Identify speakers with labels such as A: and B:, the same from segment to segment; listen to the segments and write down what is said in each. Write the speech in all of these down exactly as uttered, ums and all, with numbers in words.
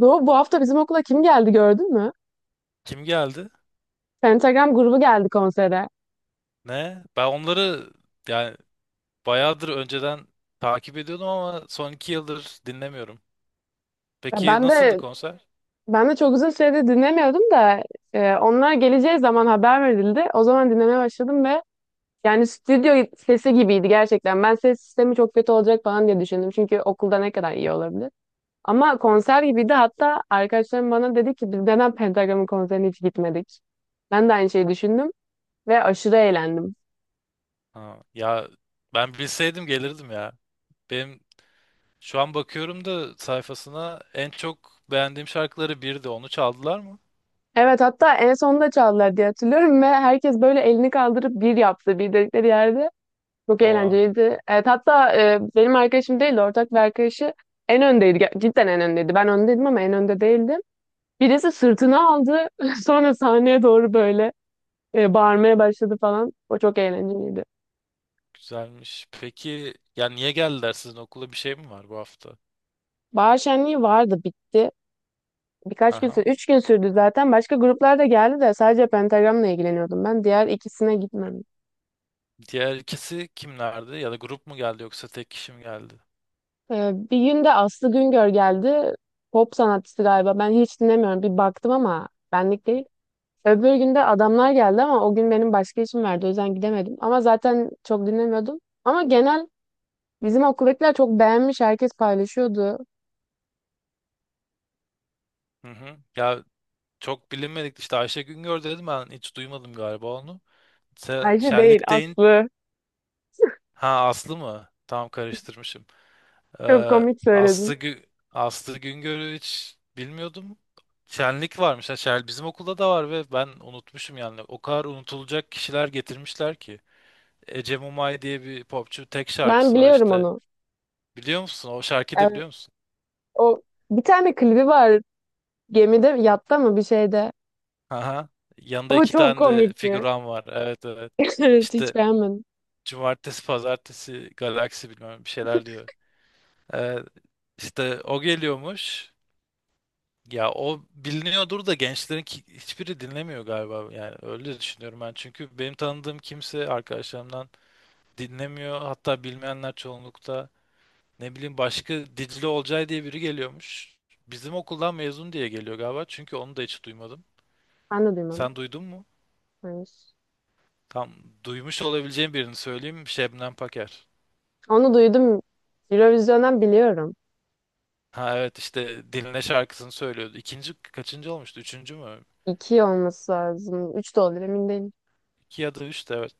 A: Doğu, bu hafta bizim okula kim geldi gördün mü?
B: Kim geldi?
A: Pentagram grubu geldi konsere.
B: Ne? Ben onları yani bayağıdır önceden takip ediyordum ama son iki yıldır dinlemiyorum.
A: Ya
B: Peki
A: ben
B: nasıldı
A: de
B: konser?
A: ben de çok uzun süredir dinlemiyordum da e, onlar geleceği zaman haber verildi. O zaman dinlemeye başladım ve yani stüdyo sesi gibiydi gerçekten. Ben ses sistemi çok kötü olacak falan diye düşündüm. Çünkü okulda ne kadar iyi olabilir. Ama konser gibiydi. Hatta arkadaşlarım bana dedi ki biz neden Pentagram'ın konserine hiç gitmedik? Ben de aynı şeyi düşündüm ve aşırı eğlendim.
B: Ha, ya ben bilseydim gelirdim ya. Benim şu an bakıyorum da sayfasına, en çok beğendiğim şarkıları birdi. Onu çaldılar mı?
A: Evet, hatta en sonunda çaldılar diye hatırlıyorum ve herkes böyle elini kaldırıp bir yaptı bir dedikleri yerde. Çok
B: Oha,
A: eğlenceliydi. Evet, hatta e, benim arkadaşım değildi, ortak bir arkadaşı en öndeydi. Ger- Cidden en öndeydi. Ben öndeydim ama en önde değildim. Birisi sırtına aldı sonra sahneye doğru böyle e, bağırmaya başladı falan. O çok eğlenceliydi.
B: güzelmiş. Peki ya niye geldiler sizin okula, bir şey mi var bu hafta?
A: Bahar şenliği vardı, bitti. Birkaç gün
B: Aha.
A: sürdü. Üç gün sürdü zaten. Başka gruplar da geldi de sadece Pentagram'la ilgileniyordum ben. Diğer ikisine gitmedim.
B: Diğer ikisi kimlerdi? Ya da grup mu geldi yoksa tek kişi mi geldi?
A: Ee, bir gün de Aslı Güngör geldi. Pop sanatçısı galiba. Ben hiç dinlemiyorum. Bir baktım ama benlik değil. Öbür gün de adamlar geldi ama o gün benim başka işim vardı. O yüzden gidemedim. Ama zaten çok dinlemiyordum. Ama genel bizim okuldakiler çok beğenmiş. Herkes paylaşıyordu.
B: Hı hı. Ya, çok bilinmedik işte, Ayşe Güngör dedim, ben hiç duymadım galiba onu. Sen,
A: Ayşe değil,
B: Şenlik deyin.
A: Aslı.
B: Ha, Aslı mı? Tam karıştırmışım.
A: Çok
B: Ee,
A: komik
B: Aslı,
A: söyledin.
B: Gü Aslı Güngör'ü hiç bilmiyordum. Şenlik varmış. Ha, şen- bizim okulda da var ve ben unutmuşum yani. O kadar unutulacak kişiler getirmişler ki. Ece Mumay diye bir popçu, tek
A: Ben
B: şarkısı var
A: biliyorum
B: işte.
A: onu.
B: Biliyor musun? O şarkıyı da
A: Evet,
B: biliyor musun?
A: o bir tane klibi var. Gemide, yatta mı bir şeyde.
B: Aha. Yanında
A: O
B: iki
A: çok
B: tane de
A: komikti.
B: figüran var. Evet, evet.
A: Evet, hiç
B: İşte
A: beğenmedim.
B: Cumartesi, pazartesi, galaksi bilmem bir şeyler diyor. Ee, işte o geliyormuş. Ya o biliniyordur da gençlerin ki- hiçbiri dinlemiyor galiba. Yani öyle düşünüyorum ben. Çünkü benim tanıdığım kimse, arkadaşlarımdan dinlemiyor. Hatta bilmeyenler çoğunlukta. Ne bileyim, başka Dicle Olcay diye biri geliyormuş. Bizim okuldan mezun diye geliyor galiba, çünkü onu da hiç duymadım.
A: Ben de duymadım.
B: Sen duydun mu?
A: Evet.
B: Tam duymuş olabileceğim birini söyleyeyim. Şebnem Paker.
A: Onu duydum. Eurovision'dan biliyorum.
B: Ha, evet, işte Diline şarkısını söylüyordu. İkinci kaçıncı olmuştu? Üçüncü mü?
A: İki olması lazım. Üç de olabilir, emin değilim.
B: İki ya da üç de, evet.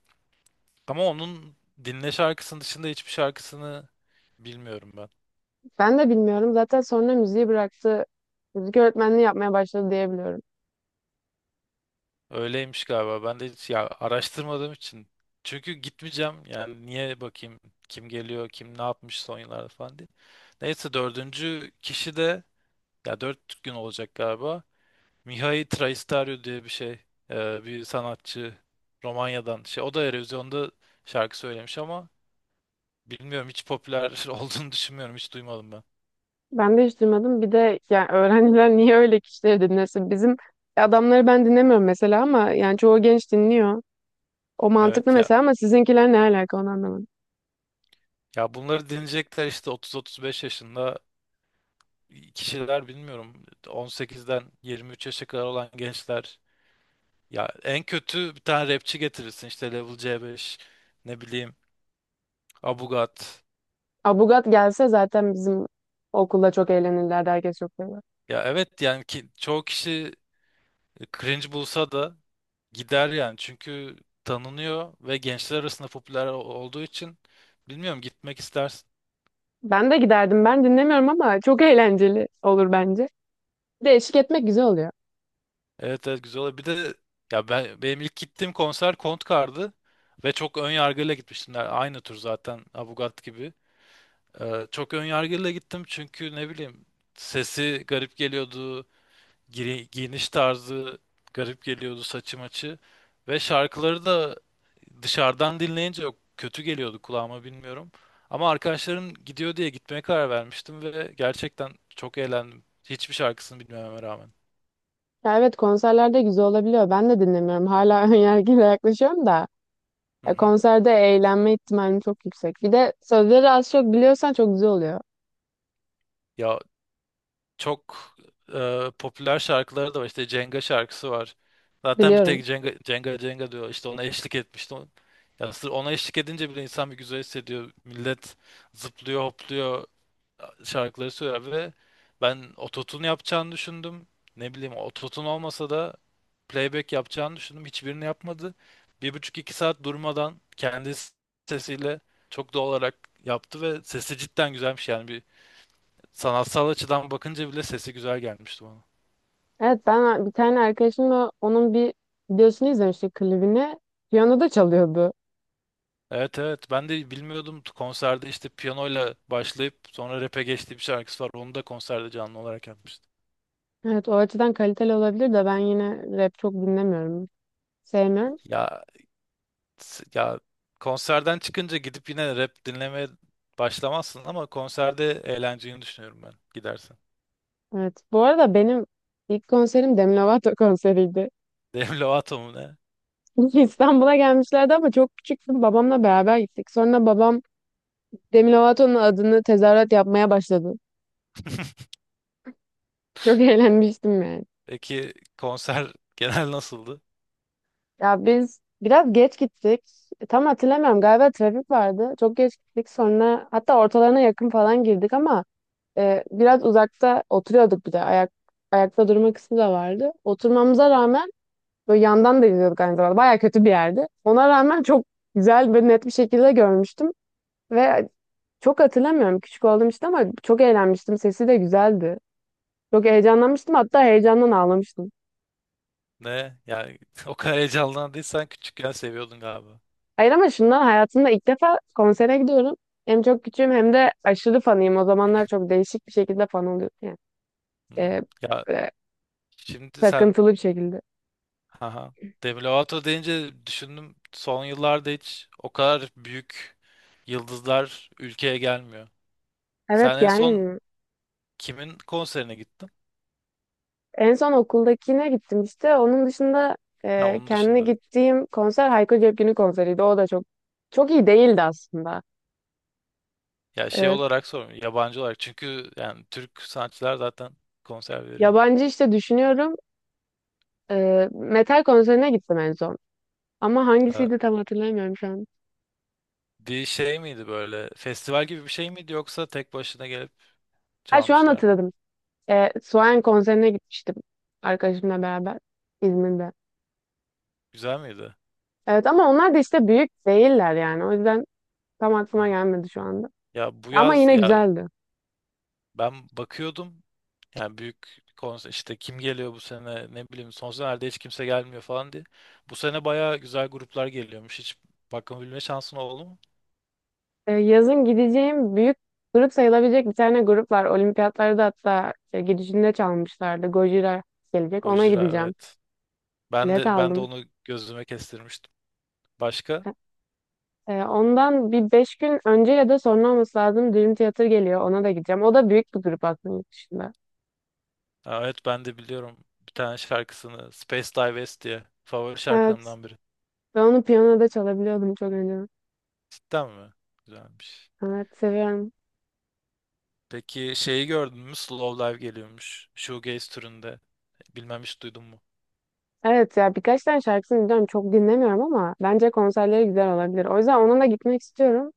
B: Ama onun, Diline şarkısının dışında hiçbir şarkısını bilmiyorum ben.
A: Ben de bilmiyorum. Zaten sonra müziği bıraktı. Müzik öğretmenliği yapmaya başladı diyebiliyorum.
B: Öyleymiş galiba. Ben de hiç ya araştırmadığım için. Çünkü gitmeyeceğim. Yani niye bakayım kim geliyor, kim ne yapmış son yıllarda falan diye. Neyse, dördüncü kişi de, ya dört gün olacak galiba. Mihai Traistariu diye bir şey. Ee, bir sanatçı Romanya'dan. Şey, o da Eurovision'da şarkı söylemiş ama bilmiyorum, hiç popüler olduğunu düşünmüyorum. Hiç duymadım ben.
A: Ben de hiç duymadım. Bir de yani öğrenciler niye öyle kişileri dinlesin? Bizim adamları ben dinlemiyorum mesela ama yani çoğu genç dinliyor. O mantıklı
B: Evet ya,
A: mesela ama sizinkiler ne alaka onu anlamadım.
B: ya bunları dinleyecekler işte, otuz otuz beş yaşında kişiler, bilmiyorum. on sekizden yirmi üç yaşa kadar olan gençler. Ya en kötü bir tane rapçi getirirsin, işte Level C beş, ne bileyim, Abugat.
A: Abugat gelse zaten bizim okulda çok eğlenirlerdi. Herkes çok sever.
B: Ya, evet yani ki, çoğu kişi cringe bulsa da gider yani, çünkü tanınıyor ve gençler arasında popüler olduğu için, bilmiyorum, gitmek istersin.
A: Ben de giderdim. Ben dinlemiyorum ama çok eğlenceli olur bence. Bir de eşlik etmek güzel oluyor.
B: Evet, evet, güzel oldu. Bir de ya ben benim ilk gittiğim konser Kontkar'dı ve çok ön yargıyla gitmiştim. Yani aynı tur zaten, Abugat gibi. Ee, çok ön yargıyla gittim, çünkü ne bileyim, sesi garip geliyordu, giri- giyiniş tarzı garip geliyordu, saçı maçı ve şarkıları da dışarıdan dinleyince, yok, kötü geliyordu kulağıma, bilmiyorum. Ama arkadaşlarım gidiyor diye gitmeye karar vermiştim ve gerçekten çok eğlendim, hiçbir şarkısını bilmeme rağmen.
A: Ya evet, konserlerde güzel olabiliyor. Ben de dinlemiyorum. Hala önyargıyla yaklaşıyorum da.
B: Hı
A: Ya
B: hı.
A: konserde eğlenme ihtimalim çok yüksek. Bir de sözleri az çok biliyorsan çok güzel oluyor.
B: Ya çok e, popüler şarkıları da var. İşte Cenga şarkısı var. Zaten bir
A: Biliyorum.
B: tek Cenga Cenga Cenga diyor. İşte ona eşlik etmişti. O- Ya sırf ona eşlik edince bile insan bir güzel hissediyor. Millet zıplıyor, hopluyor, şarkıları söylüyor ve ben ototune yapacağını düşündüm. Ne bileyim, ototune olmasa da playback yapacağını düşündüm. Hiçbirini yapmadı. Bir buçuk iki saat durmadan kendi sesiyle çok doğal olarak yaptı ve sesi cidden güzelmiş yani. Sanatsal açıdan bakınca bile sesi güzel gelmişti bana.
A: Evet, ben bir tane arkadaşımla onun bir videosunu izlemiştik, klibini. Piyano da çalıyordu.
B: Evet, evet, ben de bilmiyordum, konserde işte piyanoyla başlayıp sonra rap'e geçtiği bir şarkısı var, onu da konserde canlı olarak yapmıştı.
A: Evet, o açıdan kaliteli olabilir de ben yine rap çok dinlemiyorum. Sevmiyorum.
B: Ya s- ya konserden çıkınca gidip yine rap dinlemeye başlamazsın ama konserde eğlenceyi düşünüyorum ben, gidersen.
A: Evet, bu arada benim ilk konserim Demi Lovato konseriydi.
B: Demi Lovato mu ne?
A: İstanbul'a gelmişlerdi ama çok küçüktüm. Babamla beraber gittik. Sonra babam Demi Lovato'nun adını tezahürat yapmaya başladı. Çok eğlenmiştim yani.
B: Peki konser genel nasıldı?
A: Ya biz biraz geç gittik. E, Tam hatırlamıyorum, galiba trafik vardı. Çok geç gittik, sonra hatta ortalarına yakın falan girdik ama e, biraz uzakta oturuyorduk bir de. Ayak, ayakta durma kısmı da vardı. Oturmamıza rağmen böyle yandan da izliyorduk aynı zamanda. Baya kötü bir yerdi. Ona rağmen çok güzel ve net bir şekilde görmüştüm. Ve çok hatırlamıyorum, küçük oldum işte, ama çok eğlenmiştim. Sesi de güzeldi. Çok heyecanlanmıştım, hatta heyecandan ağlamıştım.
B: Ne? Yani o kadar heyecanlandıysan küçükken seviyordun galiba.
A: Hayır ama şundan, hayatımda ilk defa konsere gidiyorum. Hem çok küçüğüm hem de aşırı fanıyım. O zamanlar çok değişik bir şekilde fan oluyorum. Yani,
B: Hmm.
A: e,
B: Ya
A: böyle
B: şimdi sen
A: takıntılı bir şekilde.
B: Haha. Demi Lovato deyince düşündüm, son yıllarda hiç o kadar büyük yıldızlar ülkeye gelmiyor.
A: Evet,
B: Sen en son
A: gelmiyor.
B: kimin konserine gittin?
A: En son okuldakine gittim işte. Onun dışında
B: Ha,
A: e,
B: onun
A: kendine
B: dışında.
A: gittiğim konser Hayko Cepkin'in konseriydi. O da çok çok iyi değildi aslında.
B: Ya şey
A: E,
B: olarak sormuyorum, yabancı olarak, çünkü yani Türk sanatçılar zaten konser veriyor.
A: Yabancı işte düşünüyorum. E, metal konserine gittim en son. Ama
B: Ha,
A: hangisiydi tam hatırlamıyorum şu an.
B: bir şey miydi böyle, festival gibi bir şey miydi, yoksa tek başına gelip
A: Ha, şu an
B: çalmışlar mıydı?
A: hatırladım. E, Suayen konserine gitmiştim arkadaşımla beraber İzmir'de.
B: Güzel miydi?
A: Evet ama onlar da işte büyük değiller yani. O yüzden tam aklıma
B: Ha.
A: gelmedi şu anda.
B: Ya bu
A: Ama
B: yaz
A: yine
B: ya
A: güzeldi.
B: ben bakıyordum, yani büyük konser işte, kim geliyor bu sene, ne bileyim, son senelerde hiç kimse gelmiyor falan diye. Bu sene bayağı güzel gruplar geliyormuş. Hiç bakabilme şansın oldu mu?
A: E, yazın gideceğim büyük grup sayılabilecek bir tane grup var. Olimpiyatlarda hatta e, gidişinde çalmışlardı. Gojira gelecek. Ona
B: Gojira,
A: gideceğim.
B: evet. Ben
A: Bilet
B: de ben de
A: aldım.
B: onu gözüme kestirmiştim. Başka?
A: E, ondan bir beş gün önce ya da sonra olması lazım, Dream Theater geliyor. Ona da gideceğim. O da büyük bir grup aslında yurt dışında.
B: Ha, evet, ben de biliyorum bir tane şarkısını, Space Dive S diye, favori
A: Evet.
B: şarkılarımdan biri.
A: Ben onu piyanoda çalabiliyordum çok önce.
B: Cidden mi? Güzelmiş.
A: Evet, seviyorum.
B: Peki şeyi gördün mü? Slow Live geliyormuş, shoegaze türünde. Bilmem, hiç duydun mu?
A: Evet ya, birkaç tane şarkısını biliyorum. Çok dinlemiyorum ama bence konserleri güzel olabilir. O yüzden onunla gitmek istiyorum.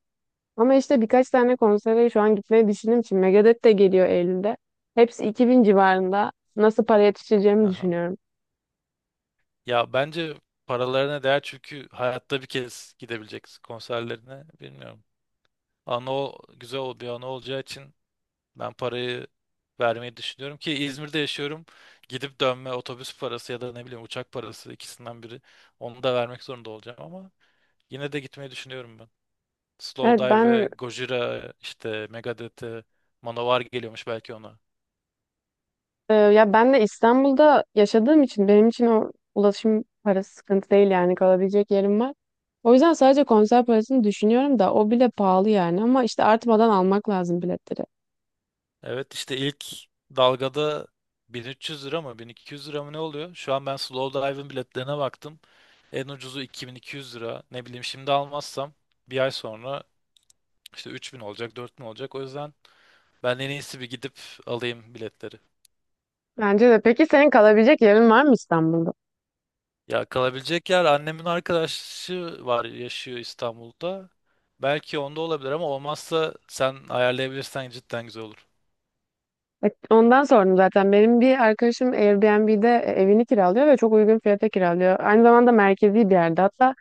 A: Ama işte birkaç tane konsere şu an gitmeyi düşündüğüm için, Megadeth de geliyor Eylül'de. Hepsi iki bin civarında. Nasıl para yetiştireceğimi
B: Aha.
A: düşünüyorum.
B: Ya bence paralarına değer, çünkü hayatta bir kez gidebileceksin konserlerine. Bilmiyorum. Anı o, güzel ol- Bir anı olacağı için ben parayı vermeyi düşünüyorum, ki İzmir'de yaşıyorum. Gidip dönme otobüs parası ya da ne bileyim uçak parası, ikisinden biri. Onu da vermek zorunda olacağım ama yine de gitmeyi düşünüyorum ben.
A: Evet
B: Slowdive ve
A: ben
B: Gojira işte, Megadeth'e Manowar geliyormuş belki, ona.
A: Ee, ya ben de İstanbul'da yaşadığım için benim için o ulaşım parası sıkıntı değil, yani kalabilecek yerim var. O yüzden sadece konser parasını düşünüyorum da o bile pahalı yani, ama işte artmadan almak lazım biletleri.
B: Evet, işte ilk dalgada bin üç yüz lira mı bin iki yüz lira mı ne oluyor? Şu an ben Slowdive'ın biletlerine baktım. En ucuzu iki bin iki yüz lira. Ne bileyim, şimdi almazsam bir ay sonra işte üç bin olacak, dört bin olacak. O yüzden ben, en iyisi bir gidip alayım biletleri.
A: Bence de. Peki senin kalabilecek yerin var mı İstanbul'da?
B: Ya kalabilecek yer, annemin arkadaşı var, yaşıyor İstanbul'da. Belki onda olabilir ama olmazsa sen ayarlayabilirsen cidden güzel olur.
A: Evet, ondan sordum zaten. Benim bir arkadaşım Airbnb'de e, evini kiralıyor ve çok uygun fiyata kiralıyor. Aynı zamanda merkezi bir yerde. Hatta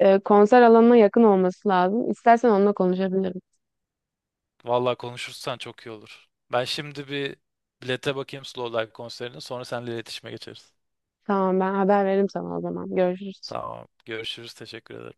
A: e, konser alanına yakın olması lazım. İstersen onunla konuşabilirim.
B: Vallahi konuşursan çok iyi olur. Ben şimdi bir bilete bakayım Slowdive konserine, sonra seninle iletişime geçeriz.
A: Tamam, ben haber veririm sana o zaman. Görüşürüz.
B: Tamam. Görüşürüz. Teşekkür ederim.